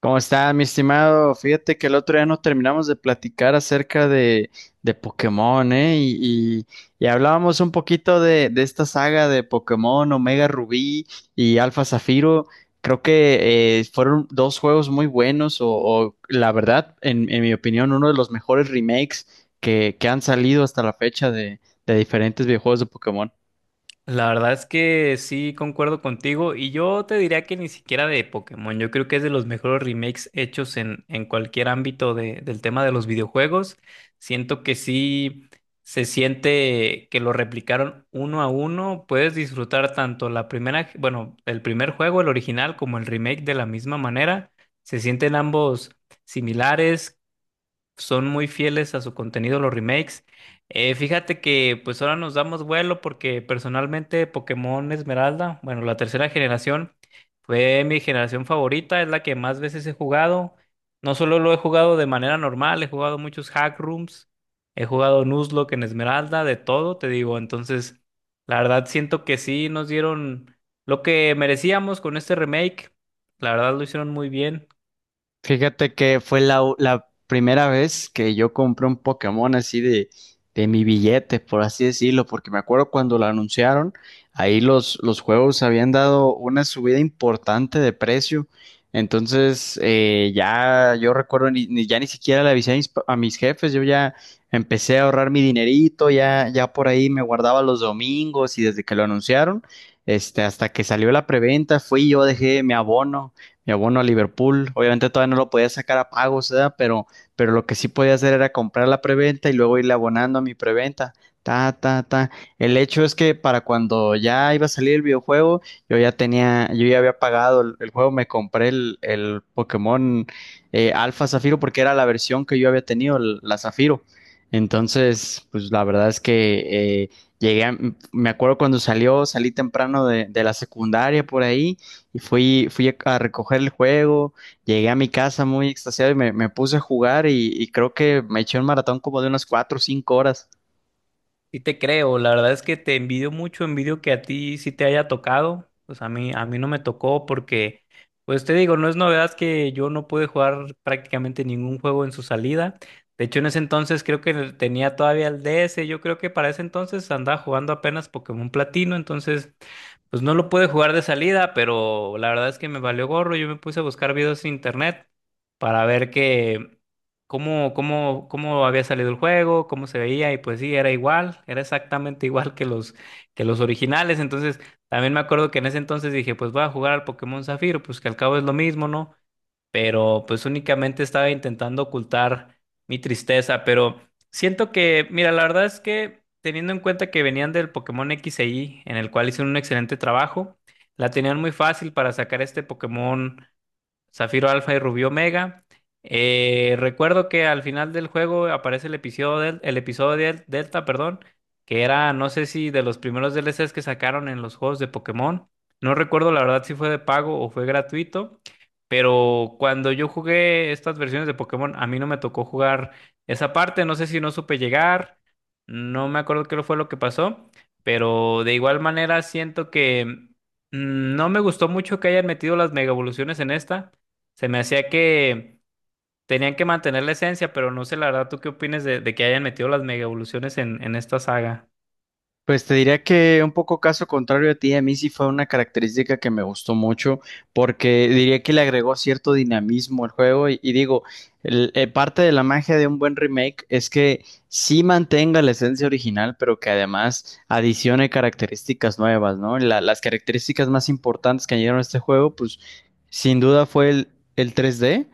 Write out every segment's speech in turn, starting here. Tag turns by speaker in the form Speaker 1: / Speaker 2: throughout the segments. Speaker 1: ¿Cómo está, mi estimado? Fíjate que el otro día nos terminamos de platicar acerca de Pokémon, Y hablábamos un poquito de esta saga de Pokémon, Omega Rubí y Alfa Zafiro. Creo que fueron dos juegos muy buenos, la verdad, en mi opinión, uno de los mejores remakes que han salido hasta la fecha de diferentes videojuegos de Pokémon.
Speaker 2: La verdad es que sí concuerdo contigo, y yo te diría que ni siquiera de Pokémon. Yo creo que es de los mejores remakes hechos en cualquier ámbito del tema de los videojuegos. Siento que sí se siente que lo replicaron uno a uno. Puedes disfrutar tanto la primera, bueno, el primer juego, el original, como el remake de la misma manera. Se sienten ambos similares, son muy fieles a su contenido los remakes. Fíjate que pues ahora nos damos vuelo porque personalmente Pokémon Esmeralda, bueno, la tercera generación, fue mi generación favorita, es la que más veces he jugado. No solo lo he jugado de manera normal, he jugado muchos hack rooms, he jugado Nuzlocke en Esmeralda, de todo, te digo. Entonces, la verdad siento que sí nos dieron lo que merecíamos con este remake. La verdad lo hicieron muy bien.
Speaker 1: Fíjate que fue la primera vez que yo compré un Pokémon así de mi billete, por así decirlo, porque me acuerdo cuando lo anunciaron, ahí los juegos habían dado una subida importante de precio. Entonces, ya yo recuerdo, ya ni siquiera le avisé a a mis jefes, yo ya empecé a ahorrar mi dinerito, ya por ahí me guardaba los domingos y desde que lo anunciaron, hasta que salió la preventa, fui yo, dejé mi abono a Liverpool. Obviamente todavía no lo podía sacar a pagos, ¿verdad? Pero lo que sí podía hacer era comprar la preventa y luego irle abonando a mi preventa. Ta, ta, ta. El hecho es que para cuando ya iba a salir el videojuego, yo ya había pagado el juego, me compré el Pokémon Alfa Zafiro porque era la versión que yo había tenido, la Zafiro. Entonces, pues la verdad es que llegué, a- me acuerdo cuando salió, salí temprano de la secundaria por ahí y fui a recoger el juego, llegué a mi casa muy extasiado y me puse a jugar y creo que me eché un maratón como de unas cuatro o cinco horas.
Speaker 2: Sí te creo, la verdad es que te envidio mucho, envidio que a ti sí te haya tocado. Pues a mí no me tocó porque, pues te digo, no es novedad que yo no pude jugar prácticamente ningún juego en su salida. De hecho, en ese entonces creo que tenía todavía el DS. Yo creo que para ese entonces andaba jugando apenas Pokémon Platino, entonces pues no lo pude jugar de salida, pero la verdad es que me valió gorro. Yo me puse a buscar videos en internet para ver que cómo había salido el juego, cómo se veía, y pues sí, era igual, era exactamente igual que que los originales. Entonces, también me acuerdo que en ese entonces dije, pues voy a jugar al Pokémon Zafiro, pues que al cabo es lo mismo, ¿no? Pero pues únicamente estaba intentando ocultar mi tristeza. Pero siento que, mira, la verdad es que teniendo en cuenta que venían del Pokémon X e Y, en el cual hicieron un excelente trabajo, la tenían muy fácil para sacar este Pokémon. Zafiro Alfa y Rubí Omega. Recuerdo que al final del juego aparece el episodio, el episodio Delta, perdón, que era, no sé si de los primeros DLCs que sacaron en los juegos de Pokémon. No recuerdo la verdad si fue de pago o fue gratuito, pero cuando yo jugué estas versiones de Pokémon, a mí no me tocó jugar esa parte. No sé si no supe llegar, no me acuerdo qué fue lo que pasó, pero de igual manera siento que no me gustó mucho que hayan metido las mega evoluciones en esta. Se me hacía que tenían que mantener la esencia, pero no sé la verdad. ¿Tú qué opinas de que hayan metido las mega evoluciones en esta saga?
Speaker 1: Pues te diría que un poco caso contrario a ti, a mí sí fue una característica que me gustó mucho porque diría que le agregó cierto dinamismo al juego y digo, parte de la magia de un buen remake es que sí mantenga la esencia original, pero que además adicione características nuevas, ¿no? Las características más importantes que añadieron a este juego, pues sin duda fue el tres d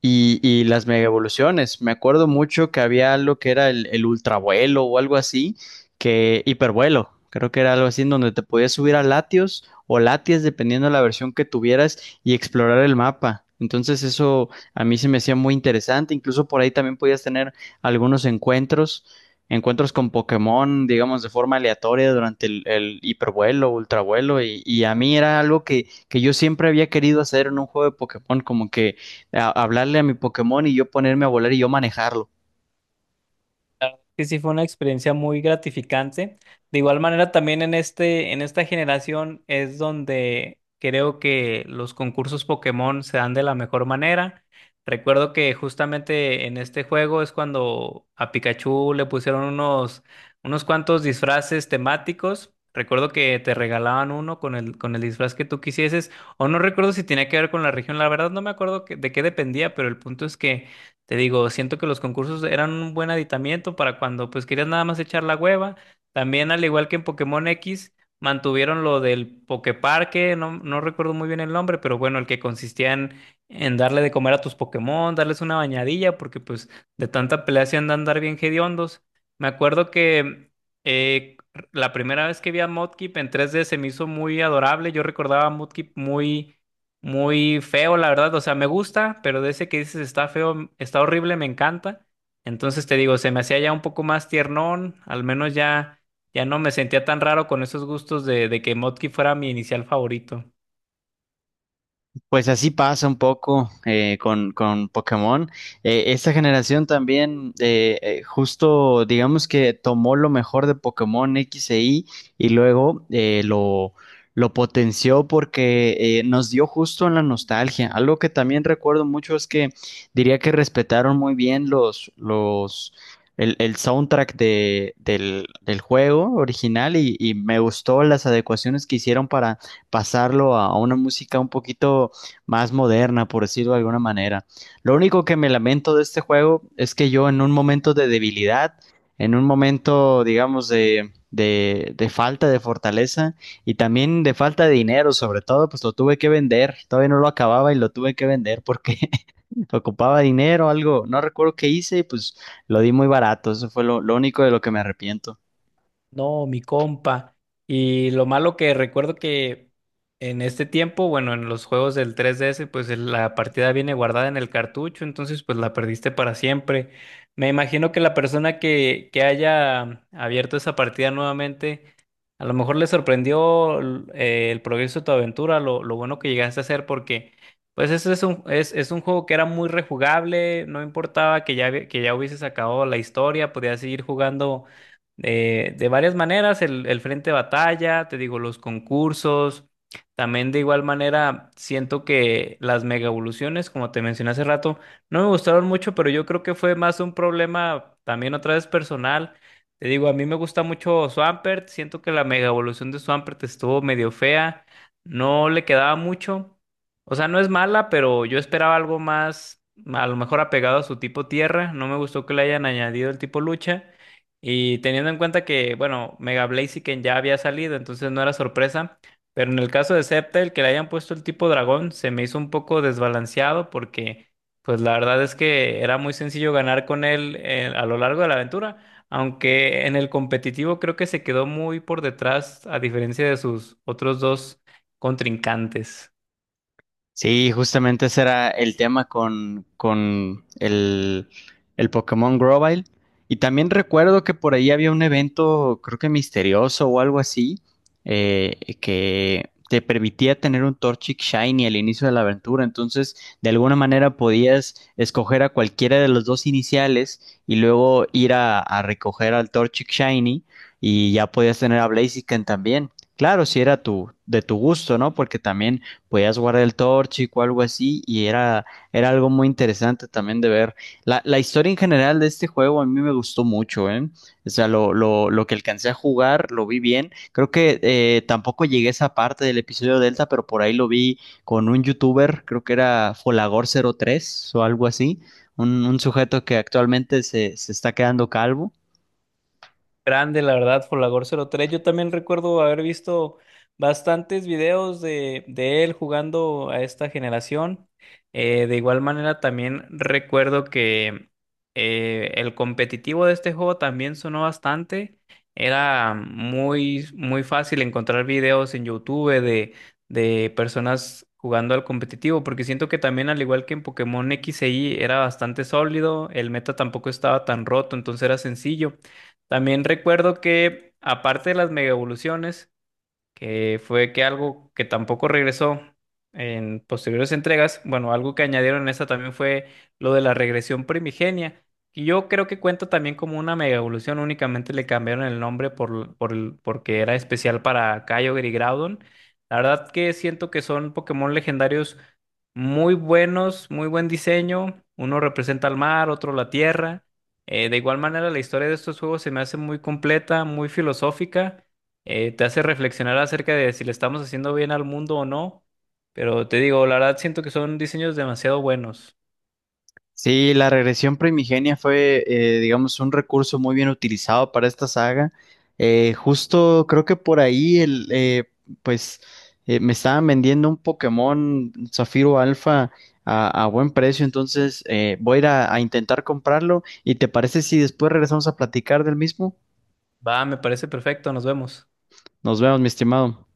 Speaker 1: y las mega evoluciones. Me acuerdo mucho que había algo que era el ultravuelo o algo así, que hipervuelo. Creo que era algo así en donde te podías subir a Latios o Latias, dependiendo de la versión que tuvieras, y explorar el mapa. Entonces eso a mí se me hacía muy interesante. Incluso por ahí también podías tener algunos encuentros, encuentros con Pokémon, digamos, de forma aleatoria durante el hipervuelo, ultravuelo. Y a mí era algo que yo siempre había querido hacer en un juego de Pokémon, como que hablarle a mi Pokémon y yo ponerme a volar y yo manejarlo.
Speaker 2: Sí, sí, fue una experiencia muy gratificante. De igual manera, también en en esta generación es donde creo que los concursos Pokémon se dan de la mejor manera. Recuerdo que justamente en este juego es cuando a Pikachu le pusieron unos cuantos disfraces temáticos. Recuerdo que te regalaban uno con el disfraz que tú quisieses, o no recuerdo si tenía que ver con la región, la verdad no me acuerdo de qué dependía, pero el punto es que te digo, siento que los concursos eran un buen aditamiento para cuando pues querías nada más echar la hueva. También al igual que en Pokémon X, mantuvieron lo del Poképarque. No, no recuerdo muy bien el nombre, pero bueno, el que consistía en darle de comer a tus Pokémon, darles una bañadilla, porque pues de tanta pelea se andan andar bien hediondos. Me acuerdo que eh, la primera vez que vi a Mudkip en 3D se me hizo muy adorable. Yo recordaba a Mudkip muy feo, la verdad. O sea, me gusta, pero de ese que dices está feo, está horrible, me encanta. Entonces te digo, se me hacía ya un poco más tiernón. Al menos ya no me sentía tan raro con esos gustos de que Motki fuera mi inicial favorito.
Speaker 1: Pues así pasa un poco con Pokémon. Esta generación también justo digamos que tomó lo mejor de Pokémon X e Y y luego lo potenció porque nos dio justo en la nostalgia. Algo que también recuerdo mucho es que diría que respetaron muy bien el soundtrack del juego original y me gustó las adecuaciones que hicieron para pasarlo a una música un poquito más moderna, por decirlo de alguna manera. Lo único que me lamento de este juego es que yo en un momento de debilidad, en un momento, digamos, de falta de fortaleza y también de falta de dinero, sobre todo, pues lo tuve que vender. Todavía no lo acababa y lo tuve que vender porque ocupaba dinero, algo, no recuerdo qué hice y pues lo di muy barato. Eso fue lo único de lo que me arrepiento.
Speaker 2: No, mi compa. Y lo malo que recuerdo que en este tiempo, bueno, en los juegos del 3DS, pues la partida viene guardada en el cartucho, entonces pues la perdiste para siempre. Me imagino que la persona que haya abierto esa partida nuevamente, a lo mejor le sorprendió el progreso de tu aventura, lo bueno que llegaste a hacer, porque pues ese es es un juego que era muy rejugable, no importaba que que ya hubieses acabado la historia, podías seguir jugando de varias maneras, el frente de batalla, te digo, los concursos. También de igual manera, siento que las mega evoluciones, como te mencioné hace rato, no me gustaron mucho, pero yo creo que fue más un problema también otra vez personal. Te digo, a mí me gusta mucho Swampert, siento que la mega evolución de Swampert estuvo medio fea, no le quedaba mucho. O sea, no es mala, pero yo esperaba algo más, a lo mejor apegado a su tipo tierra. No me gustó que le hayan añadido el tipo lucha. Y teniendo en cuenta que, bueno, Mega Blaziken ya había salido, entonces no era sorpresa. Pero en el caso de Sceptile, que le hayan puesto el tipo dragón, se me hizo un poco desbalanceado porque, pues la verdad es que era muy sencillo ganar con él a lo largo de la aventura. Aunque en el competitivo creo que se quedó muy por detrás, a diferencia de sus otros dos contrincantes.
Speaker 1: Sí, justamente ese era el tema con el Pokémon Grovyle. Y también recuerdo que por ahí había un evento, creo que misterioso o algo así, que te permitía tener un Torchic Shiny al inicio de la aventura. Entonces, de alguna manera podías escoger a cualquiera de los dos iniciales y luego ir a recoger al Torchic Shiny y ya podías tener a Blaziken también. Claro, si era tu, de tu gusto, ¿no? Porque también podías guardar el Torchic o algo así, era algo muy interesante también de ver. La historia en general de este juego a mí me gustó mucho, ¿eh? O sea, lo que alcancé a jugar, lo vi bien. Creo que tampoco llegué a esa parte del episodio Delta, pero por ahí lo vi con un youtuber, creo que era Folagor03 o algo así, un sujeto que actualmente se está quedando calvo.
Speaker 2: Grande, la verdad, Folagor03. Yo también recuerdo haber visto bastantes videos de él jugando a esta generación. De igual manera, también recuerdo que el competitivo de este juego también sonó bastante. Era muy fácil encontrar videos en YouTube de personas jugando al competitivo, porque siento que también, al igual que en Pokémon X e Y, era bastante sólido, el meta tampoco estaba tan roto, entonces era sencillo. También recuerdo que, aparte de las mega evoluciones, que fue que algo que tampoco regresó en posteriores entregas, bueno, algo que añadieron en esta también fue lo de la regresión primigenia, que yo creo que cuenta también como una mega evolución, únicamente le cambiaron el nombre porque era especial para Kyogre y Groudon. La verdad que siento que son Pokémon legendarios muy buenos, muy buen diseño, uno representa al mar, otro la tierra. De igual manera, la historia de estos juegos se me hace muy completa, muy filosófica. Te hace reflexionar acerca de si le estamos haciendo bien al mundo o no. Pero te digo, la verdad siento que son diseños demasiado buenos.
Speaker 1: Sí, la regresión primigenia fue, digamos, un recurso muy bien utilizado para esta saga. Justo creo que por ahí pues, me estaban vendiendo un Pokémon Zafiro Alfa a buen precio, entonces voy a ir a intentar comprarlo. ¿Y te parece si después regresamos a platicar del mismo?
Speaker 2: Va, me parece perfecto, nos vemos.
Speaker 1: Nos vemos, mi estimado.